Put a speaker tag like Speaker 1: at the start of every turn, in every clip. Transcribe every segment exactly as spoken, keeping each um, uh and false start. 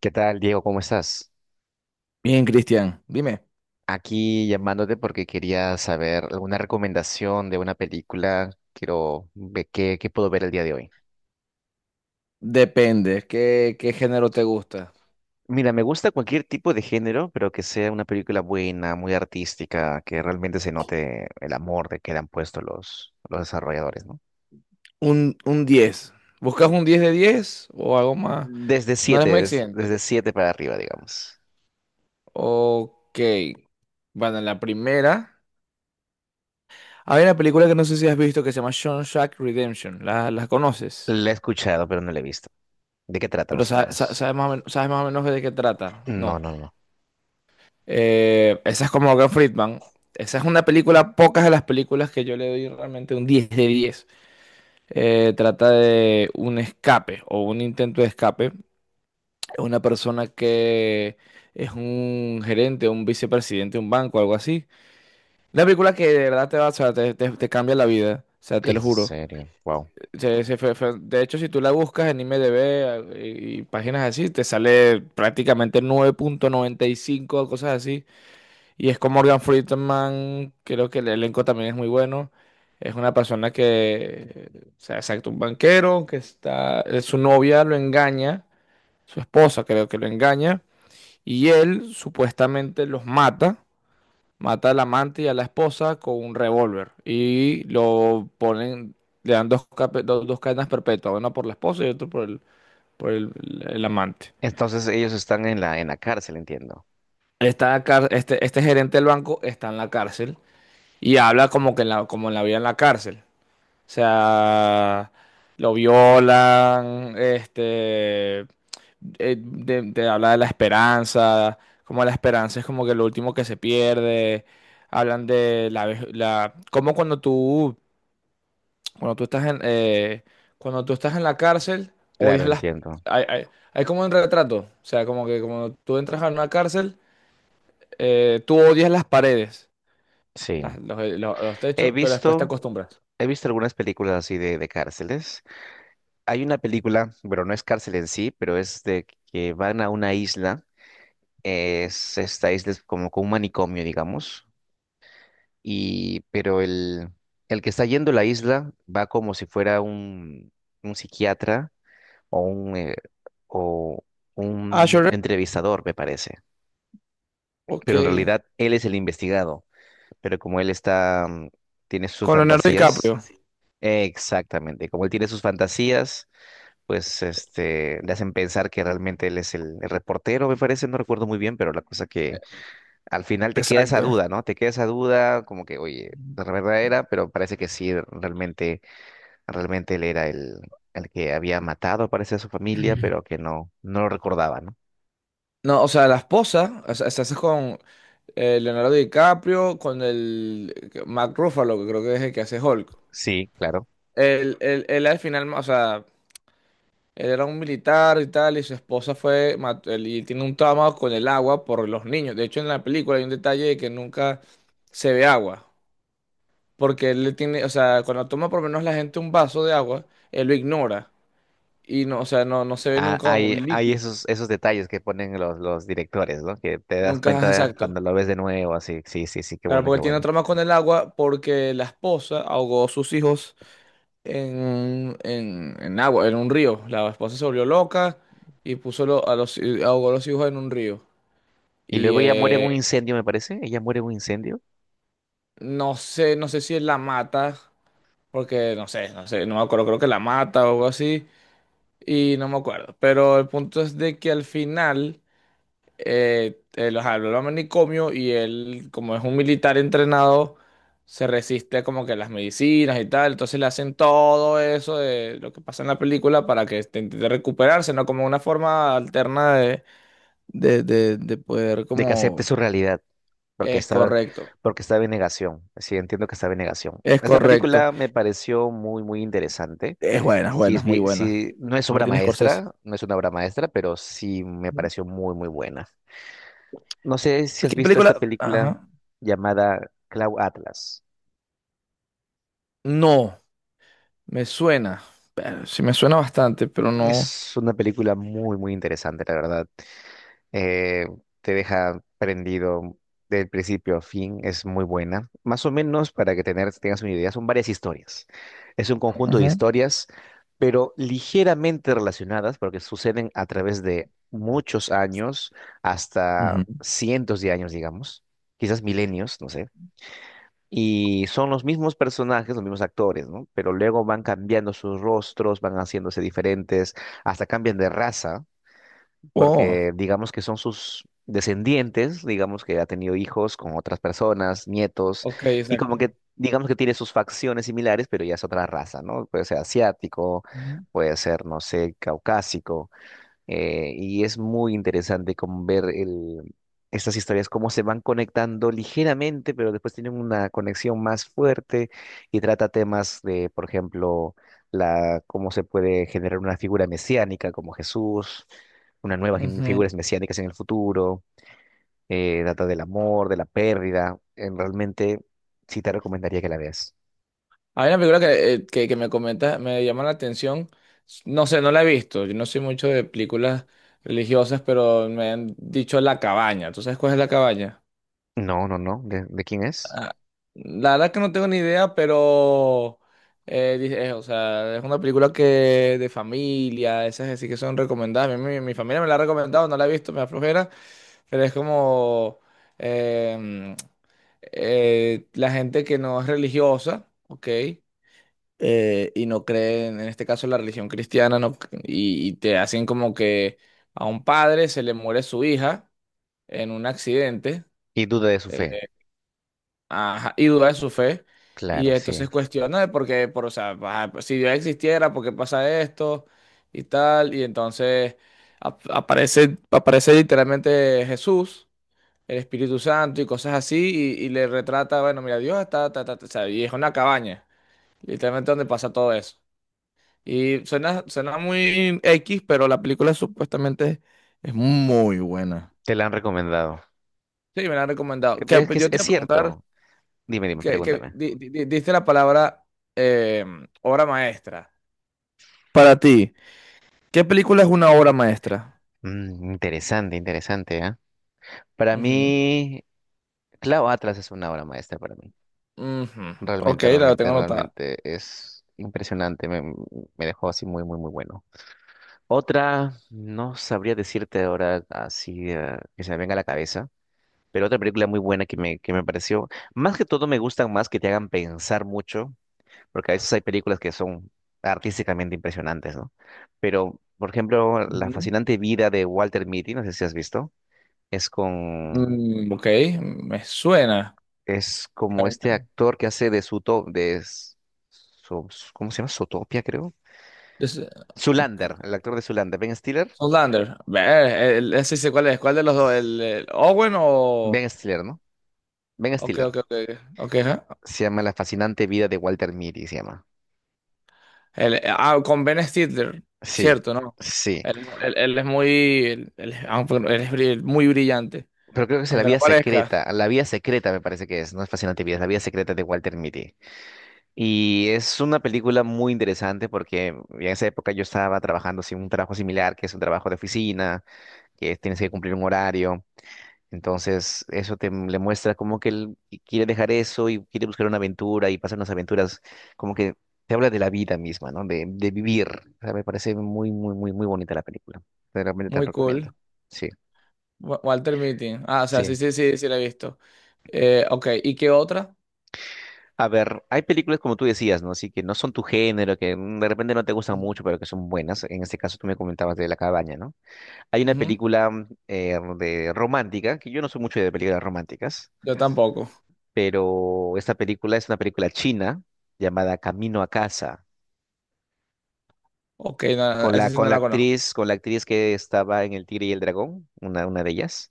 Speaker 1: ¿Qué tal, Diego? ¿Cómo estás?
Speaker 2: Bien, Cristian, dime,
Speaker 1: Aquí llamándote porque quería saber alguna recomendación de una película. Quiero ver qué, qué puedo ver el día de hoy.
Speaker 2: depende, ¿qué, qué género te gusta?
Speaker 1: Mira, me gusta cualquier tipo de género, pero que sea una película buena, muy artística, que realmente se note el amor de que le han puesto los, los desarrolladores, ¿no?
Speaker 2: Un, un diez. ¿Buscas un diez de diez o algo más?
Speaker 1: Desde
Speaker 2: No
Speaker 1: siete,
Speaker 2: eres muy
Speaker 1: des-
Speaker 2: exigente.
Speaker 1: desde siete para arriba, digamos.
Speaker 2: Ok. Bueno, la primera. Hay una película que no sé si has visto que se llama Shawshank Redemption. ¿La, la conoces?
Speaker 1: La he escuchado, pero no la he visto. ¿De qué trata,
Speaker 2: Pero
Speaker 1: más o
Speaker 2: sa- sa-
Speaker 1: menos?
Speaker 2: sabes más o men- sabes más o menos de qué trata.
Speaker 1: No,
Speaker 2: No.
Speaker 1: no, no.
Speaker 2: Eh, esa es como Morgan Friedman. Esa es una película, pocas de las películas que yo le doy realmente un diez de diez. Eh, trata de un escape o un intento de escape. Una persona que es un gerente, un vicepresidente de un banco, algo así. Una película que de verdad te va, o sea, te, te- te cambia la vida, o sea, te
Speaker 1: En
Speaker 2: lo juro.
Speaker 1: serio, wow.
Speaker 2: Se- se fue- fue- de hecho, si tú la buscas en IMDb eh, y, y páginas así, te sale prácticamente nueve punto noventa y cinco o cosas así. Y es con Morgan Freeman, creo que el elenco también es muy bueno. Es una persona que, o sea, exacto, un banquero que está, su novia lo engaña, su esposa creo que lo engaña, y él supuestamente los mata, mata al amante y a la esposa con un revólver y lo ponen, le dan dos, cape- do- dos cadenas perpetuas, una por la esposa y otra por el, por el, el amante.
Speaker 1: Entonces ellos están en la, en la cárcel, entiendo.
Speaker 2: Está, car- este, este gerente del banco está en la cárcel. Y habla como que en la, como en la vida en la cárcel. O sea, lo violan, este, eh, de- te habla de la esperanza, como la esperanza es como que lo último que se pierde. Hablan de la, vej- la, como cuando tú, cuando tú estás en, eh, cuando tú estás en la cárcel,
Speaker 1: Claro,
Speaker 2: odias las,
Speaker 1: entiendo.
Speaker 2: hay, hay- hay como un retrato. O sea, como que cuando tú entras a una cárcel, eh, tú odias las paredes,
Speaker 1: Sí.
Speaker 2: las- los los- los
Speaker 1: He
Speaker 2: techos, pero después te
Speaker 1: visto,
Speaker 2: acostumbras.
Speaker 1: he visto algunas películas así de, de cárceles. Hay una película, bueno, no es cárcel en sí, pero es de que van a una isla. Es, esta isla es como con un manicomio, digamos. Y, pero el, el que está yendo a la isla va como si fuera un, un psiquiatra o un, eh, o
Speaker 2: Ah,
Speaker 1: un
Speaker 2: Shore-
Speaker 1: entrevistador, me parece.
Speaker 2: ok.
Speaker 1: Pero en realidad él es el investigado. Pero como él está, mm, tiene sus
Speaker 2: Con Leonardo
Speaker 1: fantasías.
Speaker 2: DiCaprio. Sí,
Speaker 1: Exactamente, como él tiene sus fantasías, pues este, le hacen pensar que realmente él es el, el reportero, me parece, no recuerdo muy bien, pero la cosa que al final te queda esa
Speaker 2: exacto.
Speaker 1: duda, ¿no? Te queda esa duda, como que, oye, la verdad era, pero parece que sí, realmente, realmente él era el, el que había matado, parece, a su familia, pero que no, no lo recordaba, ¿no?
Speaker 2: No, o sea, la esposa, o sea, se hace con eh, Leonardo DiCaprio, con el Mark Ruffalo, que creo que es el que hace Hulk.
Speaker 1: Sí, claro.
Speaker 2: Él, él, él al final, o sea, él era un militar y tal, y su esposa fue, mat- él- y tiene un trauma con el agua por los niños. De hecho, en la película hay un detalle de que nunca se ve agua, porque él le tiene, o sea, cuando toma por lo menos la gente un vaso de agua, él lo ignora, y no, o sea, no, no se ve
Speaker 1: Ah,
Speaker 2: nunca un
Speaker 1: hay, hay
Speaker 2: líquido,
Speaker 1: esos, esos detalles que ponen los, los directores, ¿no? Que te das
Speaker 2: nunca es
Speaker 1: cuenta
Speaker 2: exacto.
Speaker 1: cuando lo ves de nuevo, así, sí, sí, sí, qué
Speaker 2: Claro,
Speaker 1: bueno,
Speaker 2: porque
Speaker 1: qué
Speaker 2: él tiene
Speaker 1: bueno.
Speaker 2: trama con el agua porque la esposa ahogó a sus hijos en, en, en agua, en un río. La esposa se volvió loca y puso lo- a los, ahogó a los hijos en un río.
Speaker 1: Y
Speaker 2: Y
Speaker 1: luego ella muere en
Speaker 2: eh,
Speaker 1: un incendio, me parece. Ella muere en un incendio.
Speaker 2: no sé, no sé si él la mata, porque no sé, no sé, no me acuerdo, creo que la mata o algo así, y no me acuerdo. Pero el punto es de que al final eh, él, ajá, lo lo manicomio y él, como es un militar entrenado, se resiste como que a las medicinas y tal. Entonces le hacen todo eso de lo que pasa en la película para que este, intente recuperarse, ¿no? Como una forma alterna de, de, de, de poder
Speaker 1: De que acepte
Speaker 2: como...
Speaker 1: su realidad. Porque
Speaker 2: Es
Speaker 1: estaba,
Speaker 2: correcto,
Speaker 1: porque estaba en negación. Sí, entiendo que estaba en negación.
Speaker 2: es
Speaker 1: Esta
Speaker 2: correcto.
Speaker 1: película me pareció muy, muy interesante.
Speaker 2: Es buena, es
Speaker 1: Sí,
Speaker 2: buena,
Speaker 1: es,
Speaker 2: es muy
Speaker 1: bi-
Speaker 2: buena.
Speaker 1: sí, no es obra
Speaker 2: Martín Scorsese.
Speaker 1: maestra, no es una obra maestra, pero sí me
Speaker 2: Ujú.
Speaker 1: pareció muy, muy buena. No sé si has
Speaker 2: ¿Qué
Speaker 1: visto esta
Speaker 2: película?
Speaker 1: película
Speaker 2: Ajá.
Speaker 1: llamada Cloud Atlas.
Speaker 2: No, me suena. Pero sí me suena bastante, pero no.
Speaker 1: Es una película muy, muy interesante, la verdad. eh, te deja prendido del principio a fin, es muy buena. Más o menos, para que tener, tengas una idea, son varias historias. Es un conjunto de
Speaker 2: Ujú,
Speaker 1: historias, pero ligeramente relacionadas, porque suceden a través de muchos años, hasta
Speaker 2: ujú.
Speaker 1: cientos de años, digamos, quizás milenios, no sé. Y son los mismos personajes, los mismos actores, ¿no? Pero luego van cambiando sus rostros, van haciéndose diferentes, hasta cambian de raza
Speaker 2: Oh.
Speaker 1: porque digamos que son sus descendientes, digamos que ha tenido hijos con otras personas, nietos,
Speaker 2: Ok,
Speaker 1: y
Speaker 2: exacto.
Speaker 1: como que digamos que tiene sus facciones similares, pero ya es otra raza, ¿no? Puede ser asiático,
Speaker 2: Ujú.
Speaker 1: puede ser, no sé, caucásico. Eh, y es muy interesante como ver el- estas historias, cómo se van conectando ligeramente, pero después tienen una conexión más fuerte y trata temas de, por ejemplo, la, cómo se puede generar una figura mesiánica como Jesús, una nueva gen-
Speaker 2: Ujú.
Speaker 1: figuras mesiánicas en el futuro, eh, trata del amor, de la pérdida. En- realmente sí te recomendaría que la veas.
Speaker 2: Hay una película que, eh, que, que me comenta, me llama la atención. No sé, no la he visto. Yo no soy mucho de películas religiosas, pero me han dicho La Cabaña. ¿Tú sabes cuál es La Cabaña?
Speaker 1: No, no, no. ¿De, de quién es?
Speaker 2: Ah, la verdad que no tengo ni idea, pero eh, dice- eh, o sea, es una película que de familia, esas así que son recomendadas. Mi, mi- mi familia me la ha recomendado, no la he visto, me da flojera, pero es como em, eh, la gente que no es religiosa, ¿ok? Eh, y no cree, en en este caso, la religión cristiana, no, y, y te hacen como que a un padre se le muere su hija en un accidente.
Speaker 1: Y duda de su fe.
Speaker 2: eh, Ajá, y duda de su fe. Y
Speaker 1: Claro,
Speaker 2: entonces
Speaker 1: sí.
Speaker 2: cuestiona de por qué, por, o sea, ah, pues, si Dios existiera, ¿por qué pasa esto? Y tal. Y entonces ap- aparece, aparece literalmente Jesús, el Espíritu Santo y cosas así. Y, y le retrata, bueno, mira, Dios está, ta, ta, ta, o sea, y es una cabaña, literalmente donde pasa todo eso. Y suena, suena muy X, pero la película supuestamente es muy buena.
Speaker 1: Te la han recomendado.
Speaker 2: Sí, me la han recomendado.
Speaker 1: Eh,
Speaker 2: Que,
Speaker 1: Es que
Speaker 2: pues,
Speaker 1: es
Speaker 2: yo te
Speaker 1: es
Speaker 2: iba a preguntar.
Speaker 1: cierto. Dime, dime,
Speaker 2: que, que
Speaker 1: pregúntame.
Speaker 2: di- di- di- diste la palabra eh, obra maestra. Para ti, ¿qué película es una obra maestra?
Speaker 1: Mm, interesante, interesante, ¿ah? Para
Speaker 2: Ujú,
Speaker 1: mí, Clau Atlas es una obra maestra para mí.
Speaker 2: ujú. Ok,
Speaker 1: Realmente,
Speaker 2: la
Speaker 1: realmente,
Speaker 2: tengo anotada.
Speaker 1: realmente es impresionante. Me, me dejó así muy, muy, muy bueno. Otra, no sabría decirte ahora así eh, que se me venga a la cabeza, pero otra película muy buena que me, que me pareció. Más que todo me gustan más que te hagan pensar mucho, porque a veces hay películas que son artísticamente impresionantes, ¿no? Pero, por ejemplo, La
Speaker 2: Ujú.
Speaker 1: fascinante vida de Walter Mitty, no sé si has visto. es con,
Speaker 2: Mm, ok, me suena.
Speaker 1: es como este actor que hace de Suto, de, S- So- ¿cómo se llama? Zootopia, creo.
Speaker 2: Es- eh, ok.
Speaker 1: Zoolander, el actor de Zoolander, Ben Stiller.
Speaker 2: Zoolander. Ver, el- ese sé cuál es. ¿Cuál de los dos?
Speaker 1: S-
Speaker 2: ¿El, el Owen o...?
Speaker 1: Ben Stiller, ¿no? Ben
Speaker 2: Ok,
Speaker 1: Stiller.
Speaker 2: ok, ok. Ok, ajá.
Speaker 1: Se llama La fascinante vida de Walter Mitty, se llama.
Speaker 2: El- eh, ah, con Ben Stiller.
Speaker 1: Sí,
Speaker 2: Cierto, ¿no?
Speaker 1: sí.
Speaker 2: Él, es él- él es muy... Él, él es aunque no- él es bri- muy brillante.
Speaker 1: Pero creo que es La
Speaker 2: Aunque no
Speaker 1: vida
Speaker 2: parezca.
Speaker 1: secreta, La vida secreta me parece que es, no es fascinante vida, es La vida secreta de Walter Mitty. Y es una película muy interesante porque en esa época yo estaba trabajando sin un trabajo similar, que es un trabajo de oficina, que tienes que cumplir un horario. Entonces, eso te m- le muestra como que él quiere dejar eso y quiere buscar una aventura y pasar unas aventuras, como que te habla de la vida misma, ¿no? De, de vivir. O sea, me parece muy, muy, muy, muy bonita la película. Realmente te la
Speaker 2: Muy
Speaker 1: recomiendo.
Speaker 2: cool.
Speaker 1: Sí,
Speaker 2: Wa- Walter Mitty. Ah, o sea,
Speaker 1: sí.
Speaker 2: sí, sí, sí, sí la he visto. Eh, ok, ¿y qué otra?
Speaker 1: A ver, hay películas como tú decías, ¿no? Así que no son tu género, que mm, de repente no te gustan
Speaker 2: Ujú.
Speaker 1: mucho, pero que son buenas. En este caso tú me comentabas de La cabaña, ¿no? Hay una
Speaker 2: Ujú.
Speaker 1: película mm, eh, de romántica, que yo no soy mucho de películas románticas,
Speaker 2: Yo tampoco.
Speaker 1: pero esta película es una película china llamada Camino a casa,
Speaker 2: Ok, no, no,
Speaker 1: con
Speaker 2: esa
Speaker 1: la,
Speaker 2: sí
Speaker 1: con
Speaker 2: no
Speaker 1: la
Speaker 2: la conozco.
Speaker 1: actriz, con la actriz que estaba en El Tigre y el Dragón, una, una de ellas.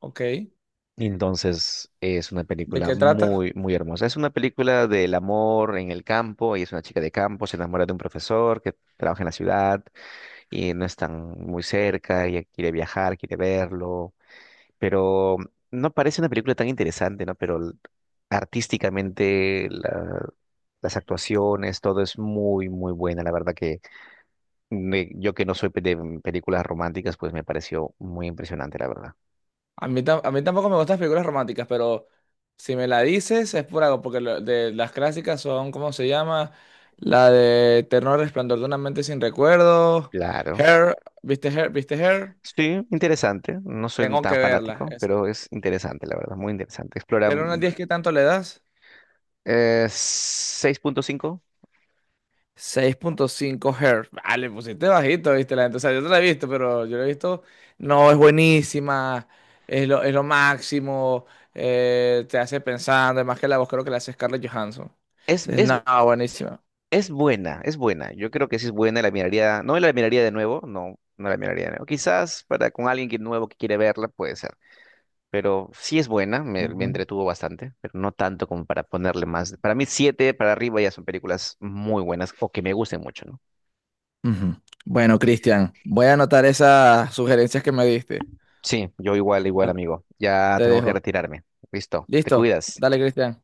Speaker 2: Ok.
Speaker 1: Entonces es una
Speaker 2: ¿De
Speaker 1: película
Speaker 2: qué trata?
Speaker 1: muy, muy hermosa. Es una película del amor en el campo, y es una chica de campo, se enamora de un profesor que trabaja en la ciudad y no están muy cerca, y ella quiere viajar, quiere verlo, pero no parece una película tan interesante, ¿no? Pero l- artísticamente la- las actuaciones, todo es muy, muy buena. La verdad que me- yo que no soy pe- de mm, películas románticas, pues me pareció muy impresionante, la verdad.
Speaker 2: A mí, tam- a mí tampoco me gustan las películas románticas, pero si me la dices es por algo, porque lo- de las clásicas son, ¿cómo se llama? La de Eterno Resplandor de una mente sin recuerdos.
Speaker 1: Claro.
Speaker 2: Hair, ¿viste Hair? ¿Viste Hair?
Speaker 1: Sí, interesante. No soy
Speaker 2: Tengo que
Speaker 1: tan
Speaker 2: verla.
Speaker 1: fanático,
Speaker 2: Es-
Speaker 1: pero es interesante, la verdad, muy interesante. Explora
Speaker 2: del uno al
Speaker 1: mm,
Speaker 2: diez, ¿qué tanto le das?
Speaker 1: eh, seis punto cinco.
Speaker 2: Seis punto cinco Hz. Ah, le pusiste bajito, viste la gente. O sea, yo no la he visto, pero yo la he visto. No, es buenísima. Es lo, es lo máximo. Eh, te hace pensando. Además que la voz creo que la hace Scarlett Johansson.
Speaker 1: Es,
Speaker 2: Entonces,
Speaker 1: es
Speaker 2: no, buenísima.
Speaker 1: Es buena, es buena. Yo creo que sí es buena, la miraría, no la miraría de nuevo, no, no la miraría de nuevo. Quizás para con alguien que nuevo que quiere verla puede ser, pero sí es buena, me, me
Speaker 2: Ujú.
Speaker 1: entretuvo bastante, pero no tanto como para ponerle más. Para mí siete para arriba ya son películas muy buenas o que me gusten mucho, ¿no?
Speaker 2: Ujú. Bueno, Cristian, voy a anotar esas sugerencias que me diste.
Speaker 1: Sí, yo igual, igual
Speaker 2: La-
Speaker 1: amigo. Ya
Speaker 2: te
Speaker 1: tengo que
Speaker 2: dejo.
Speaker 1: retirarme. Listo, te
Speaker 2: ¿Listo?
Speaker 1: cuidas.
Speaker 2: Dale, Cristian.